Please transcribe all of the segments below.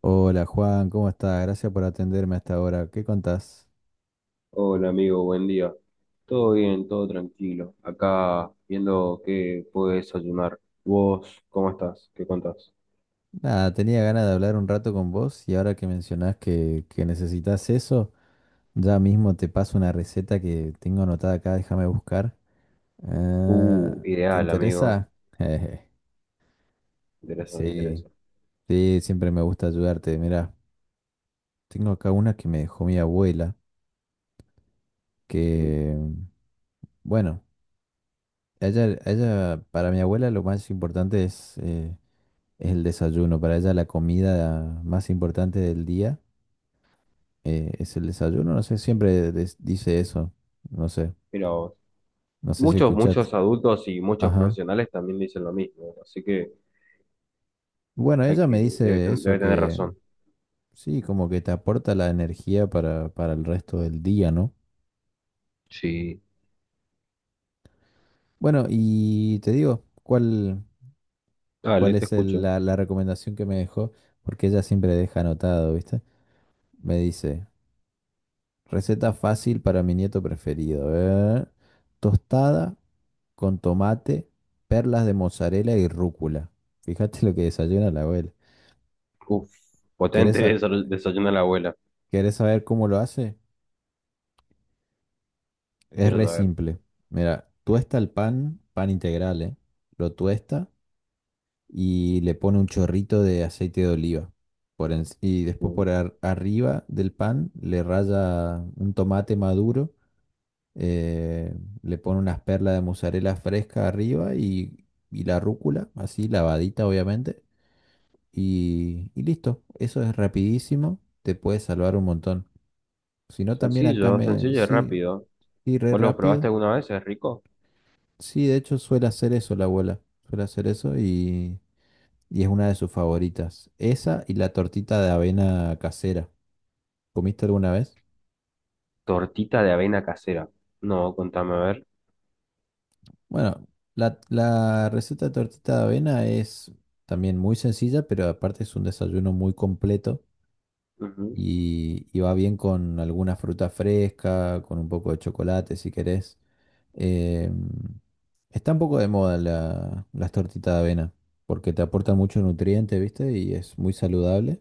Hola Juan, ¿cómo estás? Gracias por atenderme hasta ahora. ¿Qué contás? Hola amigo, buen día. Todo bien, todo tranquilo. Acá viendo qué puedo desayunar. ¿Vos cómo estás? ¿Qué contás? Nada, tenía ganas de hablar un rato con vos y ahora que mencionás que necesitas eso, ya mismo te paso una receta que tengo anotada acá, déjame buscar. Ah, ¿te Ideal, amigo. interesa? Me interesa, me Sí, interesa. sí, siempre me gusta ayudarte. Mira, tengo acá una que me dejó mi abuela, Sí. que, bueno, para mi abuela lo más importante es es el desayuno. Para ella la comida más importante del día es el desayuno. No sé, siempre dice eso. No sé, Mira vos. no sé si Muchos, escuchaste. muchos adultos y muchos Ajá. profesionales también dicen lo mismo, así que Bueno, hay ella me dice eso, debe tener que razón. sí, como que te aporta la energía para el resto del día, ¿no? Sí. Bueno, y te digo, ¿cuál Dale, te es escucho. La recomendación que me dejó? Porque ella siempre deja anotado, ¿viste? Me dice, receta fácil para mi nieto preferido. Tostada con tomate, perlas de mozzarella y rúcula. Fíjate lo que desayuna la abuela. Uf, ¿Querés, potente sa- desayuno a la abuela. ¿querés saber cómo lo hace? Es Quiero re saber. simple. Mira, tuesta el pan, pan integral, Lo tuesta y le pone un chorrito de aceite de oliva. Y después Uh. Arriba del pan le raya un tomate maduro eh, le pone unas perlas de mozzarella fresca arriba y la rúcula, así lavadita obviamente, y listo. Eso es rapidísimo, te puede salvar un montón. Si no, también acá Sencillo, me... sencillo y Sí, rápido. sí, re ¿Vos los probaste rápido. alguna vez? ¿Es rico? Sí, de hecho suele hacer eso la abuela, suele hacer eso y es una de sus favoritas. Esa y la tortita de avena casera. ¿Comiste alguna vez? Tortita de avena casera. No, contame, a ver. Bueno, la receta de tortita de avena es también muy sencilla, pero aparte es un desayuno muy completo Ujú. Y va bien con alguna fruta fresca, con un poco de chocolate si querés. Eh, Está un poco de moda las tortitas de avena porque te aportan mucho nutriente, ¿viste? Y es muy saludable.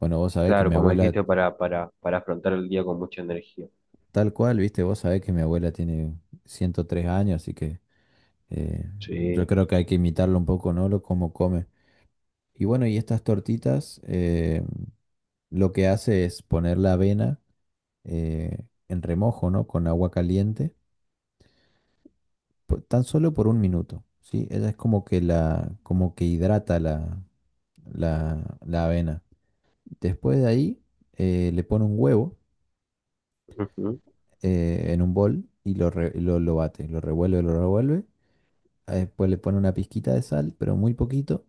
Bueno, vos sabés que Claro, mi como abuela, dijiste, para afrontar el día con mucha energía. tal cual, ¿viste? Vos sabés que mi abuela tiene 103 años, así que eh, Sí. yo creo que hay que imitarlo un poco, ¿no? Lo cómo come. Y bueno, y estas tortitas lo que hace es poner la avena en remojo, ¿no? Con agua caliente, tan solo por un minuto, ¿sí? Ella es como que la, como que hidrata la avena. Después de ahí le pone un huevo Ujú, en un bol y lo bate, lo revuelve, lo revuelve. Ah, después le pone una pizquita de sal, pero muy poquito.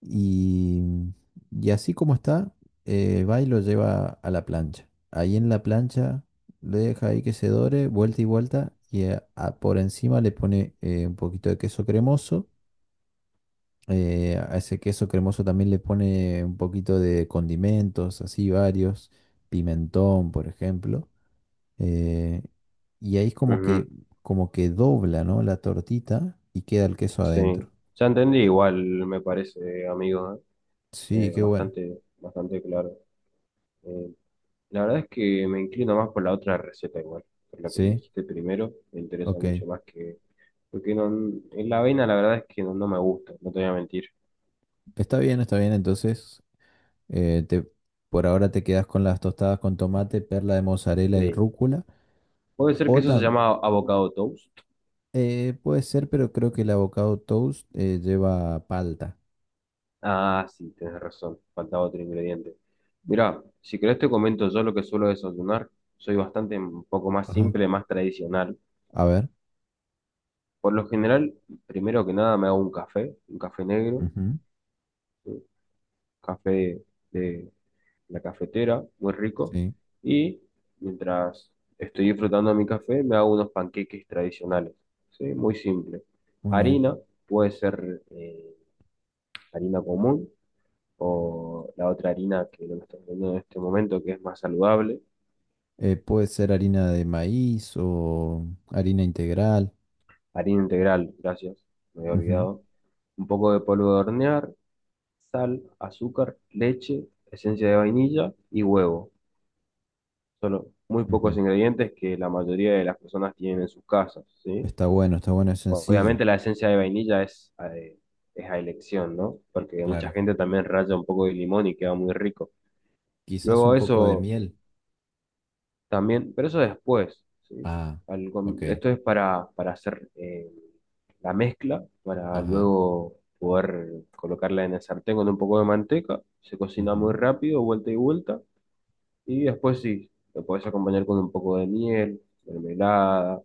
Y, y así como está, va y lo lleva a la plancha. Ahí en la plancha lo deja ahí que se dore, vuelta y vuelta, y por encima le pone un poquito de queso cremoso. A ese queso cremoso también le pone un poquito de condimentos, así varios, pimentón, por ejemplo. eh, y ahí es ujú, como que dobla, ¿no? La tortita y queda el queso adentro. sí. Ya entendí igual, me parece, amigo, ¿eh? Sí, qué bueno. Bastante, bastante claro. Eh, la verdad es que me inclino más por la otra receta igual, por la que me Sí, dijiste primero, me interesa ok. mucho más que… Porque no, en la avena la verdad es que no, no me gusta, no te voy a mentir. Está bien, está bien. Entonces, eh, te- por ahora te quedas con las tostadas con tomate, perla de mozzarella y Sí. rúcula. Puede ser que O eso se también, llama avocado toast. puede ser, pero creo que el avocado toast lleva palta. Ah, sí, tienes razón. Faltaba otro ingrediente. Mira, si querés te comento yo lo que suelo desayunar. Soy bastante un poco más Ajá. simple, más tradicional. A ver. Por lo general, primero que nada me hago un café negro, Ujú. un café de la cafetera, muy rico. Sí, Y mientras estoy disfrutando mi café, me hago unos panqueques tradicionales. Sí, muy simple. muy bien. Harina, puede ser harina común o la otra harina que no me está vendiendo en este momento, que es más saludable, Puede ser harina de maíz o harina integral. harina integral, gracias, me había olvidado, un poco de polvo de hornear, sal, azúcar, leche, esencia de vainilla y huevo. Solo muy Ujú, ujú. pocos ingredientes que la mayoría de las personas tienen en sus casas, ¿sí? Está bueno, es sencillo. Obviamente la esencia de vainilla es a elección, ¿no? Porque mucha Claro. gente también raya un poco de limón y queda muy rico. Quizás Luego un poco de eso miel. también, pero eso después, ¿sí? Ah, ok. Esto es para hacer la mezcla, para Ajá. luego poder colocarla en el sartén con un poco de manteca, se cocina muy Ujú. rápido, vuelta y vuelta, y después sí, lo podés acompañar con un poco de miel, mermelada,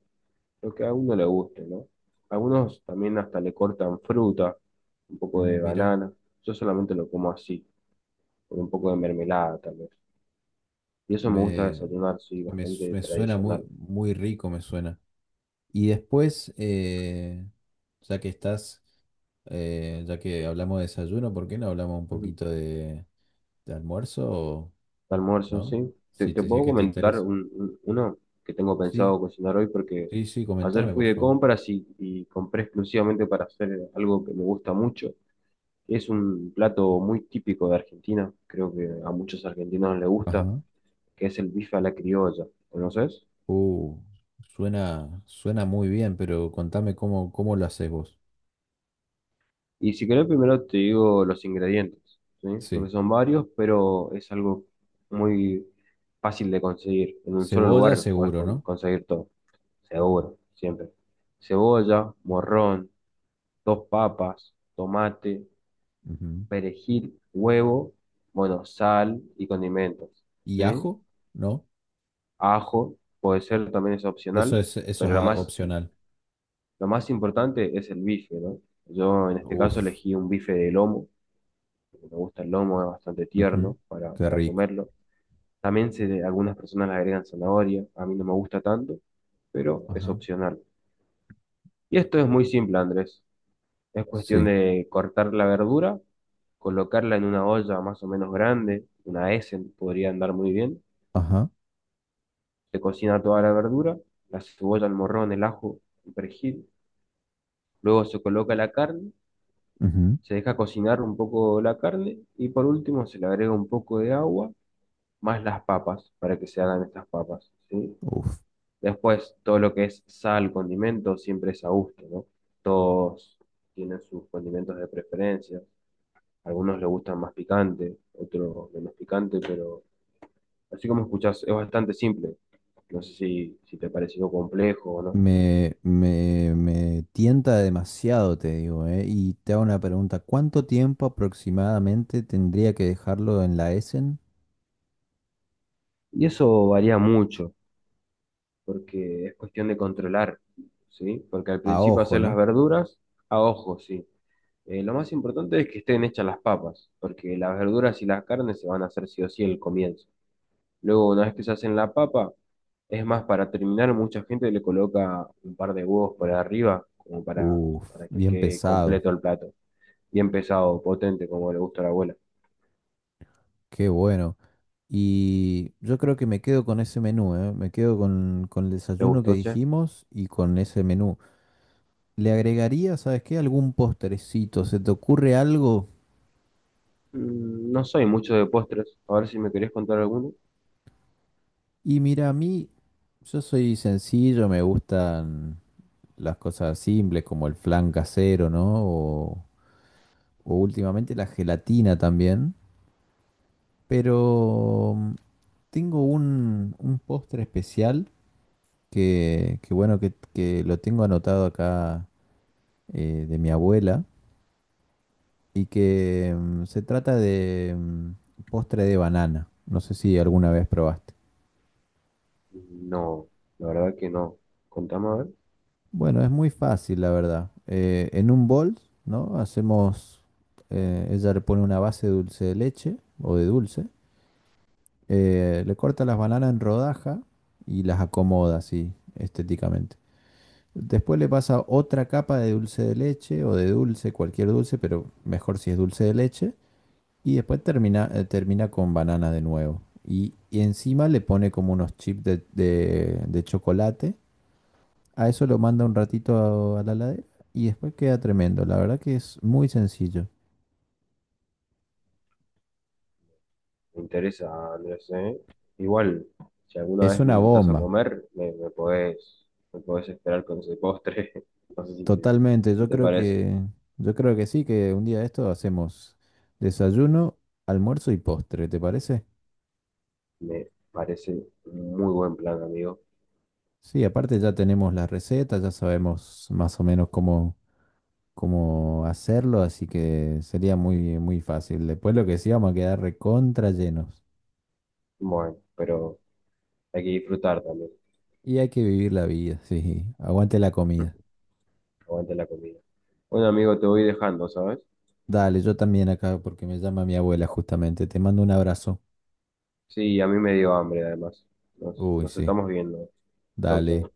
lo que a uno le guste, ¿no? Algunos también hasta le cortan fruta, un poco Mm, de mira. banana, yo solamente lo como así, con un poco de mermelada tal vez. Y eso me gusta Me, desayunar, sí, bastante me suena muy, tradicional. muy rico, me suena. Y después, ya que estás, ya que hablamos de desayuno, ¿por qué no hablamos un Ujú. poquito de almuerzo o Almuerzo, no? sí. Te, Si, te te, si es puedo que te comentar interesa. Uno que tengo pensado Sí, cocinar hoy porque sí, sí, ayer comentame, fui por de favor. compras y compré exclusivamente para hacer algo que me gusta mucho. Es un plato muy típico de Argentina, creo que a muchos argentinos les gusta, Ajá. que es el bife a la criolla. ¿Conoces? Uh, suena, suena muy bien, pero contame cómo, cómo lo haces vos. Y si querés, primero te digo los ingredientes, ¿sí? Porque Sí. son varios, pero es algo muy fácil de conseguir. En un solo Cebolla lugar podés seguro, ¿no? conseguir todo, seguro, siempre. Cebolla, morrón, dos papas, tomate, Ujú. perejil, huevo, bueno, sal y condimentos, ¿Y ¿sí? ajo? ¿No? Ajo, puede ser, también es opcional, Eso pero es opcional. lo más importante es el bife, ¿no? Yo en este caso Uf. elegí un bife de lomo porque me gusta el lomo, es bastante Ujú, tierno qué para rico. comerlo. También algunas personas le agregan zanahoria, a mí no me gusta tanto, pero es Ajá. opcional. Y esto es muy simple, Andrés. Es cuestión Sí. de cortar la verdura, colocarla en una olla más o menos grande, una Essen podría andar muy bien. Ajá. Se cocina toda la verdura, la cebolla, el morrón, el ajo, el perejil. Luego se coloca la carne, Ujú, se deja cocinar un poco la carne y por último se le agrega un poco de agua más las papas para que se hagan estas papas, ¿sí? uf. Después, todo lo que es sal, condimento, siempre es a gusto, ¿no? Todos tienen sus condimentos de preferencia. Algunos les gustan más picante, otros menos picante, pero así como escuchás, es bastante simple. No sé si, si te pareció complejo o no. Me tienta demasiado, te digo, ¿eh? Y te hago una pregunta. ¿Cuánto tiempo aproximadamente tendría que dejarlo en la Essen? Y eso varía mucho, porque es cuestión de controlar, ¿sí? Porque al A principio ojo, hacer las ¿no? verduras a ojo, sí. Lo más importante es que estén hechas las papas, porque las verduras y las carnes se van a hacer sí o sí el comienzo. Luego, una vez que se hacen la papa, es más, para terminar, mucha gente le coloca un par de huevos por arriba, como Uf, para que bien quede pesado. completo el plato. Bien pesado, potente, como le gusta a la abuela. Qué bueno. Y yo creo que me quedo con ese menú, ¿eh? Me quedo con el ¿Te desayuno que gustó, che? dijimos y con ese menú. ¿Le agregaría, sabes qué, algún postrecito? ¿Se te ocurre algo? Mm, no soy mucho de postres. A ver si me querés contar alguno. Y mira, a mí, yo soy sencillo, me gustan las cosas simples como el flan casero, ¿no? O últimamente la gelatina también. Pero mm, tengo un postre especial que bueno, que lo tengo anotado acá de mi abuela y que mm, se trata de mm, postre de banana. No sé si alguna vez probaste. No, la verdad que no. Contame a ver. Bueno, es muy fácil, la verdad. En un bol, ¿no? Hacemos, ella le pone una base de dulce de leche o de dulce, le corta las bananas en rodaja y las acomoda así estéticamente. Después le pasa otra capa de dulce de leche o de dulce, cualquier dulce, pero mejor si es dulce de leche. Y después termina, termina con banana de nuevo. Y encima le pone como unos chips de chocolate. A eso lo manda un ratito a la heladera y después queda tremendo. La verdad que es muy sencillo. Me interesa, Andrés, ¿eh? Igual, si alguna Es vez me una invitas a bomba, comer, me podés esperar con ese postre. No sé totalmente. si te parece. Yo creo que sí, que un día de esto hacemos desayuno, almuerzo y postre, ¿te parece? Me parece un muy buen plan, amigo. Sí, aparte ya tenemos las recetas, ya sabemos más o menos cómo, cómo hacerlo, así que sería muy, muy fácil. Después lo que sí, vamos a quedar recontra llenos. Bueno, pero hay que disfrutar también. Y hay que vivir la vida, sí. Aguante la comida. Aguante la comida. Bueno, amigo, te voy dejando, ¿sabes? Dale, yo también acá porque me llama mi abuela justamente. Te mando un abrazo. Sí, a mí me dio hambre, además. Uy, Nos sí. estamos viendo. Chau, Dale. chau.